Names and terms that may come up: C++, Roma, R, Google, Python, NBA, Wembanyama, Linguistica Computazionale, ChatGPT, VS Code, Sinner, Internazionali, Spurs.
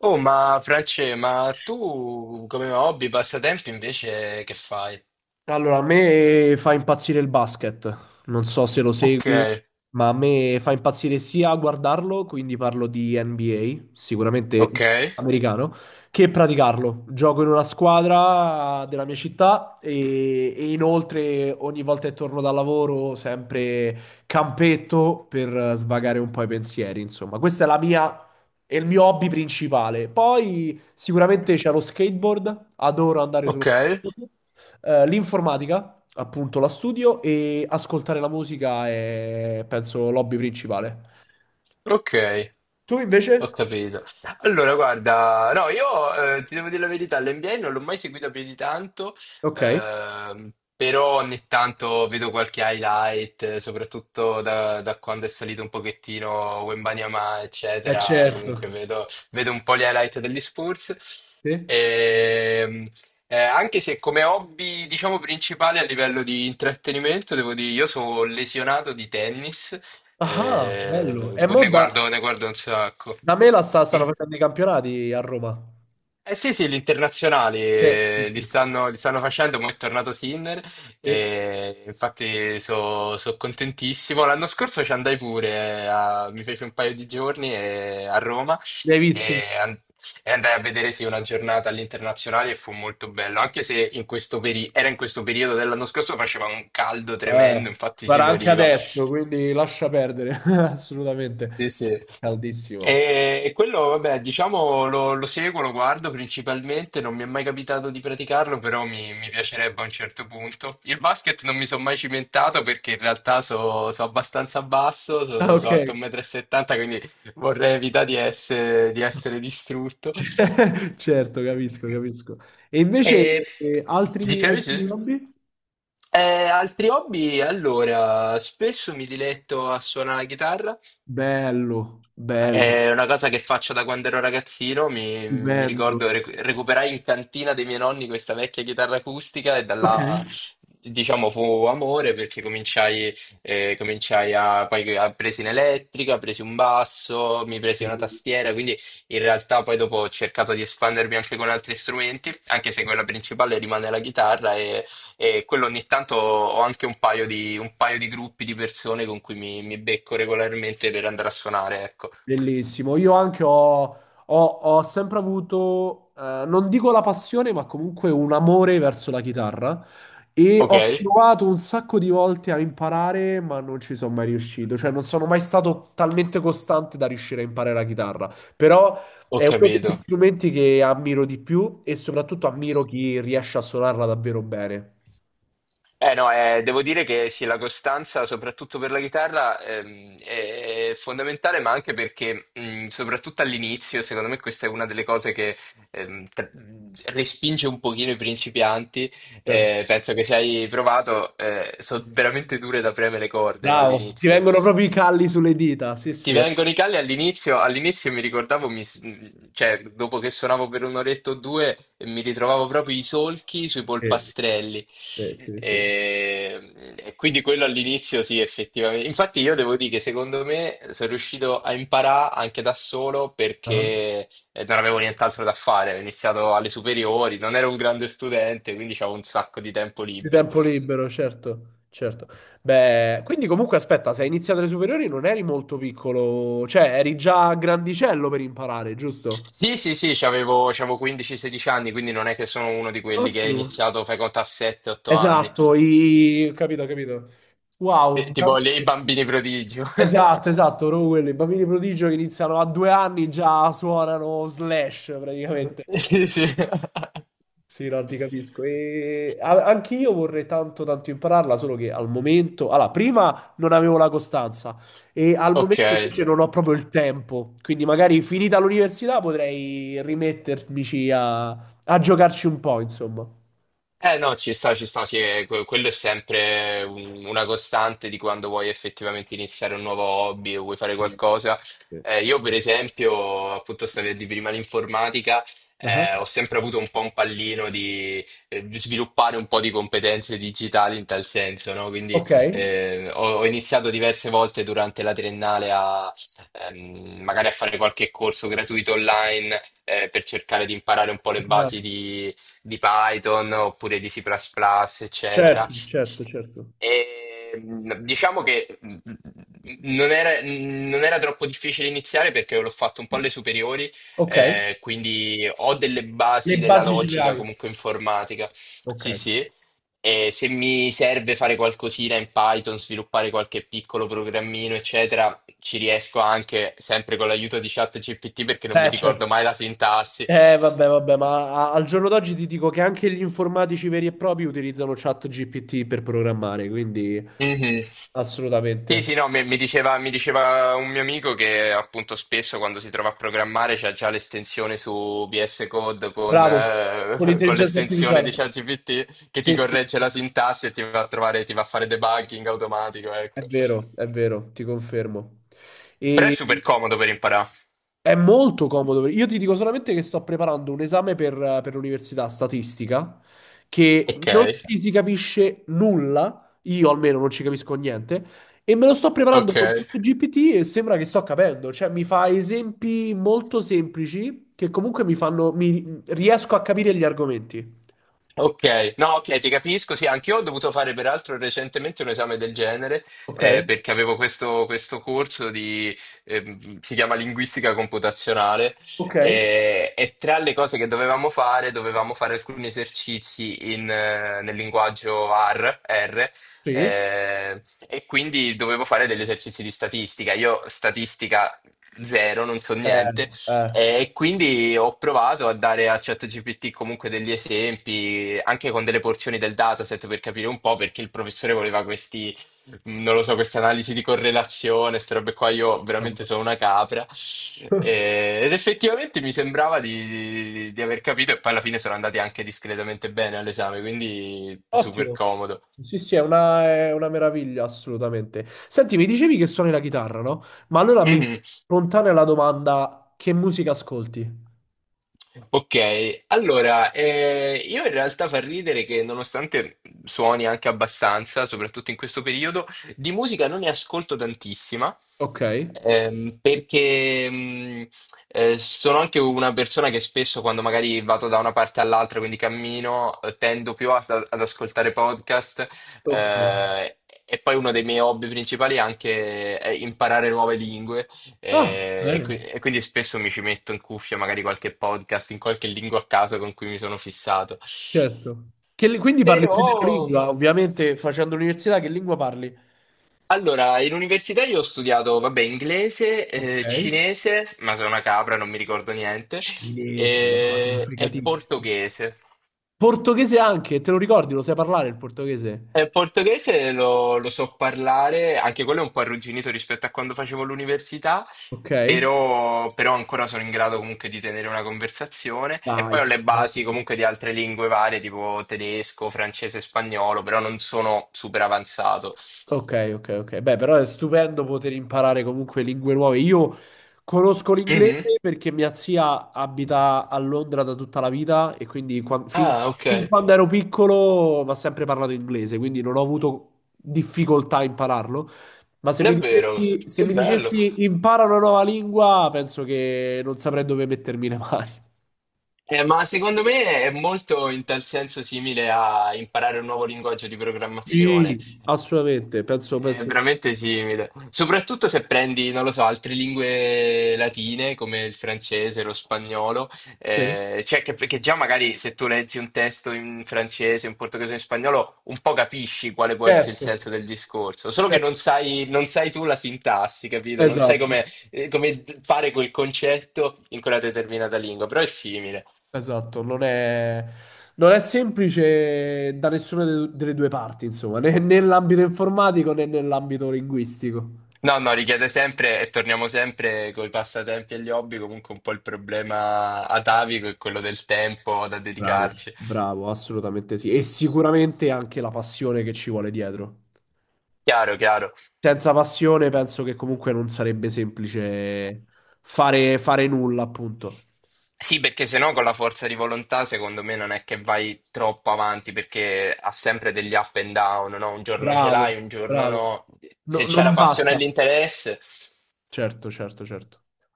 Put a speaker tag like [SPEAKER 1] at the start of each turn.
[SPEAKER 1] Oh, ma France, ma tu come hobby, passatempi invece che fai?
[SPEAKER 2] Allora, a me fa impazzire il basket, non so se lo
[SPEAKER 1] Ok,
[SPEAKER 2] segui, ma a me fa impazzire sia guardarlo, quindi parlo di NBA, sicuramente
[SPEAKER 1] ok,
[SPEAKER 2] americano, che praticarlo. Gioco in una squadra della mia città e inoltre ogni volta che torno dal lavoro sempre campetto per svagare un po' i pensieri, insomma. Questa è la mia... È il mio hobby principale. Poi sicuramente c'è lo skateboard, adoro andare sullo
[SPEAKER 1] ok,
[SPEAKER 2] skateboard. L'informatica, appunto, la studio e ascoltare la musica è, penso, l'hobby principale.
[SPEAKER 1] ok,
[SPEAKER 2] Tu
[SPEAKER 1] ho
[SPEAKER 2] invece?
[SPEAKER 1] capito. Allora, guarda, no, io ti devo dire la verità, l'NBA non l'ho mai seguito più di tanto.
[SPEAKER 2] Ok. Eh,
[SPEAKER 1] ehm, Però ogni tanto vedo qualche highlight, soprattutto da quando è salito un pochettino Wembanyama, eccetera, comunque
[SPEAKER 2] certo.
[SPEAKER 1] vedo un po' gli highlight degli Spurs.
[SPEAKER 2] Sì.
[SPEAKER 1] Ehm, Anche se come hobby, diciamo, principale a livello di intrattenimento, devo dire, io sono lesionato di tennis,
[SPEAKER 2] Ah, bello. E bello. Mo da,
[SPEAKER 1] ne guardo un sacco.
[SPEAKER 2] da me la stanno
[SPEAKER 1] Mm.
[SPEAKER 2] facendo i campionati a Roma.
[SPEAKER 1] Eh sì, sì, gli internazionali
[SPEAKER 2] Sì, sì, sì, sì,
[SPEAKER 1] li stanno facendo, ma è tornato Sinner
[SPEAKER 2] sì.
[SPEAKER 1] e infatti sono contentissimo. L'anno scorso ci andai pure, mi fece un paio di giorni a Roma
[SPEAKER 2] Li hai visti?
[SPEAKER 1] e, an- e andai a vedere, sì, una giornata all'internazionale e fu molto bello, anche se era in questo periodo dell'anno scorso faceva un caldo
[SPEAKER 2] Eh,
[SPEAKER 1] tremendo, infatti si
[SPEAKER 2] guarda, anche
[SPEAKER 1] moriva.
[SPEAKER 2] adesso, quindi lascia perdere, assolutamente.
[SPEAKER 1] Sì, sì.
[SPEAKER 2] Caldissimo.
[SPEAKER 1] E quello, vabbè, diciamo lo seguo, lo guardo principalmente, non mi è mai capitato di praticarlo, però mi piacerebbe a un certo punto. Il basket non mi sono mai cimentato perché in realtà sono abbastanza basso,
[SPEAKER 2] Ah, ok.
[SPEAKER 1] sono alto 1,70 m, quindi vorrei evitare di essere distrutto.
[SPEAKER 2] Certo, capisco, capisco. E invece
[SPEAKER 1] E
[SPEAKER 2] altri,
[SPEAKER 1] dicevi, sì?
[SPEAKER 2] altri hobby?
[SPEAKER 1] Eh, Altri hobby? Allora, spesso mi diletto a suonare la chitarra.
[SPEAKER 2] Bello, bello,
[SPEAKER 1] È una cosa che faccio da quando ero ragazzino, mi
[SPEAKER 2] bello.
[SPEAKER 1] ricordo recuperai in cantina dei miei nonni questa vecchia chitarra acustica e da
[SPEAKER 2] Ok.
[SPEAKER 1] là, diciamo, fu amore perché cominciai a, poi a presi in elettrica, presi un basso, mi presi una tastiera, quindi in realtà poi dopo ho cercato di espandermi anche con altri strumenti, anche se quella principale rimane la chitarra, e quello ogni tanto ho anche un paio di gruppi di persone con cui mi becco regolarmente per andare a suonare, ecco.
[SPEAKER 2] Bellissimo. Io anche ho- ho sempre avuto, non dico la passione, ma comunque un amore verso la chitarra e
[SPEAKER 1] Ok,
[SPEAKER 2] ho provato un sacco di volte a imparare, ma non ci sono mai riuscito. Cioè, non sono mai stato talmente costante da riuscire a imparare la chitarra. Però
[SPEAKER 1] ho
[SPEAKER 2] è uno degli
[SPEAKER 1] capito.
[SPEAKER 2] strumenti che ammiro di più e soprattutto ammiro chi riesce a suonarla davvero bene.
[SPEAKER 1] Eh no, devo dire che sì, la costanza, soprattutto per la chitarra, è fondamentale, ma anche perché, soprattutto all'inizio, secondo me questa è una delle cose che ehm, tra- respinge un pochino i principianti.
[SPEAKER 2] Certo.
[SPEAKER 1] Penso che se hai provato, sono veramente dure da premere le corde, no,
[SPEAKER 2] Bravo, ti
[SPEAKER 1] all'inizio.
[SPEAKER 2] vengono proprio i calli sulle dita. Sì,
[SPEAKER 1] Ti
[SPEAKER 2] sì.
[SPEAKER 1] vengono i calli all'inizio. All'inizio mi ricordavo, cioè dopo che suonavo per un'oretta o due, mi ritrovavo proprio i solchi sui
[SPEAKER 2] Sì,
[SPEAKER 1] polpastrelli.
[SPEAKER 2] sì, sì, sì.
[SPEAKER 1] E, e quindi quello all'inizio, sì, effettivamente. Infatti io devo dire che secondo me sono riuscito a imparare anche da solo
[SPEAKER 2] Ah.
[SPEAKER 1] perché non avevo nient'altro da fare. Ho iniziato alle superiori, non ero un grande studente, quindi avevo un sacco di tempo
[SPEAKER 2] Di
[SPEAKER 1] libero.
[SPEAKER 2] tempo libero, certo, certo. Beh, quindi comunque aspetta, se hai iniziato le superiori non eri molto piccolo, cioè eri già grandicello per imparare, giusto?
[SPEAKER 1] Sì, sì, sì, c'avevo 15-16 anni, quindi non è che sono uno di quelli che ha
[SPEAKER 2] Ottimo.
[SPEAKER 1] iniziato, fai conto, a 7-8 anni.
[SPEAKER 2] Esatto, i... capito, capito. Wow.
[SPEAKER 1] Tipo lì i bambini prodigio.
[SPEAKER 2] Esatto, esatto, proprio quello, i bambini prodigio che iniziano a due anni già suonano Slash praticamente.
[SPEAKER 1] Sì, sì.
[SPEAKER 2] Sì, no, ti capisco. E anch'io vorrei tanto tanto impararla, solo che al momento, allora, prima non avevo la costanza e al
[SPEAKER 1] Ok.
[SPEAKER 2] momento invece non ho proprio il tempo, quindi magari finita l'università potrei rimettermici a giocarci un po', insomma.
[SPEAKER 1] Eh no, ci sta, sì, quello è sempre una costante di quando vuoi effettivamente iniziare un nuovo hobby o vuoi fare qualcosa.
[SPEAKER 2] Sì.
[SPEAKER 1] Io per esempio, appunto, stavi a dire prima l'informatica,
[SPEAKER 2] Ah.
[SPEAKER 1] ho, sempre avuto un po' un pallino di sviluppare un po' di competenze digitali in tal senso, no? Quindi
[SPEAKER 2] Ok.
[SPEAKER 1] ho iniziato diverse volte durante la triennale a, magari a fare qualche corso gratuito online, per cercare di imparare un po' le
[SPEAKER 2] Imparare.
[SPEAKER 1] basi di Python oppure di C++, plus plus, eccetera.
[SPEAKER 2] Certo, certo, certo.
[SPEAKER 1] E diciamo che, non era troppo difficile iniziare perché l'ho fatto un po' alle superiori,
[SPEAKER 2] Ok.
[SPEAKER 1] quindi ho delle
[SPEAKER 2] Le
[SPEAKER 1] basi della
[SPEAKER 2] basi ce le
[SPEAKER 1] logica
[SPEAKER 2] hai.
[SPEAKER 1] comunque informatica.
[SPEAKER 2] Ok.
[SPEAKER 1] Sì, sì. E se mi serve fare qualcosina in Python, sviluppare qualche piccolo programmino, eccetera, ci riesco anche sempre con l'aiuto di ChatGPT perché non mi
[SPEAKER 2] Certo.
[SPEAKER 1] ricordo mai la sintassi.
[SPEAKER 2] Vabbè, vabbè, ma al giorno d'oggi ti dico che anche gli informatici veri e propri utilizzano ChatGPT per programmare, quindi
[SPEAKER 1] Mhm. Sì,
[SPEAKER 2] assolutamente.
[SPEAKER 1] sì, no, mi diceva un mio amico che appunto spesso quando si trova a programmare c'ha già l'estensione su VS Code con,
[SPEAKER 2] Bravo, con
[SPEAKER 1] con
[SPEAKER 2] l'intelligenza
[SPEAKER 1] l'estensione
[SPEAKER 2] artificiale.
[SPEAKER 1] di ChatGPT che ti
[SPEAKER 2] Sì, sì,
[SPEAKER 1] corregge
[SPEAKER 2] sì,
[SPEAKER 1] la sintassi e ti va a trovare, ti va a fare debugging automatico, ecco.
[SPEAKER 2] è vero, ti confermo.
[SPEAKER 1] Però è
[SPEAKER 2] E
[SPEAKER 1] super comodo per imparare.
[SPEAKER 2] è molto comodo. Io ti dico solamente che sto preparando un esame per l'università statistica che
[SPEAKER 1] Ok,
[SPEAKER 2] non ci si capisce nulla, io almeno non ci capisco niente, e me lo sto preparando
[SPEAKER 1] ok.
[SPEAKER 2] con GPT e sembra che sto capendo. Cioè, mi fa esempi molto semplici che comunque mi riesco a capire gli argomenti.
[SPEAKER 1] Ok, no, ok, ti capisco. Sì, anch'io ho dovuto fare peraltro recentemente un esame del genere,
[SPEAKER 2] Ok?
[SPEAKER 1] perché avevo questo corso di, si chiama Linguistica Computazionale,
[SPEAKER 2] Ok.
[SPEAKER 1] e tra le cose che dovevamo fare alcuni esercizi in, nel linguaggio R,
[SPEAKER 2] Sì.
[SPEAKER 1] eh, e quindi dovevo fare degli esercizi di statistica. Io statistica zero, non so
[SPEAKER 2] Eh,
[SPEAKER 1] niente.
[SPEAKER 2] eh.
[SPEAKER 1] E quindi ho provato a dare a ChatGPT comunque degli esempi, anche con delle porzioni del dataset per capire un po' perché il professore voleva questi, non lo so, queste analisi di correlazione, queste robe qua. Io veramente sono una capra. Ed effettivamente mi sembrava di aver capito, e poi alla fine sono andati anche discretamente bene all'esame, quindi super
[SPEAKER 2] Ottimo.
[SPEAKER 1] comodo.
[SPEAKER 2] Sì, sì, è una meraviglia, assolutamente. Senti, mi dicevi che suoni la chitarra, no? Ma allora mi
[SPEAKER 1] Mhm.
[SPEAKER 2] spontanea la domanda, che musica ascolti?
[SPEAKER 1] Ok, allora, io in realtà fa ridere che nonostante suoni anche abbastanza, soprattutto in questo periodo, di musica non ne ascolto tantissima.
[SPEAKER 2] Ok.
[SPEAKER 1] Perché, sono anche una persona che spesso quando magari vado da una parte all'altra, quindi cammino, tendo più ad ascoltare podcast.
[SPEAKER 2] Ok.
[SPEAKER 1] eh, e poi uno dei miei hobby principali è anche, imparare nuove lingue.
[SPEAKER 2] Ah,
[SPEAKER 1] eh, e,
[SPEAKER 2] bene,
[SPEAKER 1] qui- e quindi spesso mi ci metto in cuffia magari qualche podcast in qualche lingua a caso con cui mi sono fissato.
[SPEAKER 2] certo. Che quindi parli più della
[SPEAKER 1] Però.
[SPEAKER 2] lingua, ovviamente, facendo l'università, che lingua parli?
[SPEAKER 1] Allora, in università io ho studiato, vabbè, inglese,
[SPEAKER 2] Ok.
[SPEAKER 1] cinese, ma sono una capra, non mi ricordo niente,
[SPEAKER 2] Cinese, una roba
[SPEAKER 1] e
[SPEAKER 2] complicatissima.
[SPEAKER 1] portoghese.
[SPEAKER 2] Portoghese anche, te lo ricordi? Lo sai parlare il portoghese?
[SPEAKER 1] E portoghese lo so parlare, anche quello è un po' arrugginito rispetto a quando facevo l'università,
[SPEAKER 2] Ok.
[SPEAKER 1] però ancora sono in grado comunque di tenere una conversazione. E
[SPEAKER 2] Dai,
[SPEAKER 1] poi ho
[SPEAKER 2] sì.
[SPEAKER 1] le basi comunque di altre lingue varie, tipo tedesco, francese, spagnolo, però non sono super avanzato.
[SPEAKER 2] Ok, ok, ok. Beh, però è stupendo poter imparare comunque lingue nuove. Io conosco
[SPEAKER 1] Mhm.
[SPEAKER 2] l'inglese perché mia zia abita a Londra da tutta la vita e quindi
[SPEAKER 1] Ah, ok.
[SPEAKER 2] fin quando ero piccolo mi ha sempre parlato inglese, quindi non ho avuto difficoltà a impararlo. Ma se mi
[SPEAKER 1] Davvero?
[SPEAKER 2] dicessi, se
[SPEAKER 1] Che
[SPEAKER 2] mi
[SPEAKER 1] bello.
[SPEAKER 2] dicessi impara una nuova lingua, penso che non saprei dove mettermi le mani.
[SPEAKER 1] Ma secondo me è molto in tal senso simile a imparare un nuovo linguaggio di programmazione.
[SPEAKER 2] Sì, assolutamente, penso,
[SPEAKER 1] È
[SPEAKER 2] penso di sì.
[SPEAKER 1] veramente simile. Soprattutto se prendi, non lo so, altre lingue latine come il francese, lo spagnolo,
[SPEAKER 2] Sì.
[SPEAKER 1] cioè che già magari se tu leggi un testo in francese, in portoghese, in spagnolo, un po' capisci quale può essere il
[SPEAKER 2] Certo,
[SPEAKER 1] senso del discorso, solo che
[SPEAKER 2] certo.
[SPEAKER 1] non sai tu la sintassi, capito? Non sai
[SPEAKER 2] Esatto.
[SPEAKER 1] come fare quel concetto in quella determinata lingua, però è simile.
[SPEAKER 2] Esatto, non è, non è semplice da nessuna delle due parti, insomma, né nell'ambito informatico né nell'ambito linguistico.
[SPEAKER 1] No, no, richiede sempre, e torniamo sempre con i passatempi e gli hobby, comunque un po' il problema atavico è quello del tempo da
[SPEAKER 2] Bravo.
[SPEAKER 1] dedicarci.
[SPEAKER 2] Bravo, assolutamente sì. E sicuramente anche la passione che ci vuole dietro.
[SPEAKER 1] Chiaro, chiaro.
[SPEAKER 2] Senza passione penso che comunque non sarebbe semplice fare, fare nulla, appunto.
[SPEAKER 1] Sì, perché se no con la forza di volontà secondo me non è che vai troppo avanti, perché ha sempre degli up and down, no? Un giorno ce
[SPEAKER 2] Bravo,
[SPEAKER 1] l'hai, un giorno
[SPEAKER 2] bravo.
[SPEAKER 1] no.
[SPEAKER 2] No-
[SPEAKER 1] Se c'è la
[SPEAKER 2] non
[SPEAKER 1] passione e
[SPEAKER 2] basta.
[SPEAKER 1] l'interesse.
[SPEAKER 2] Certo, certo, certo.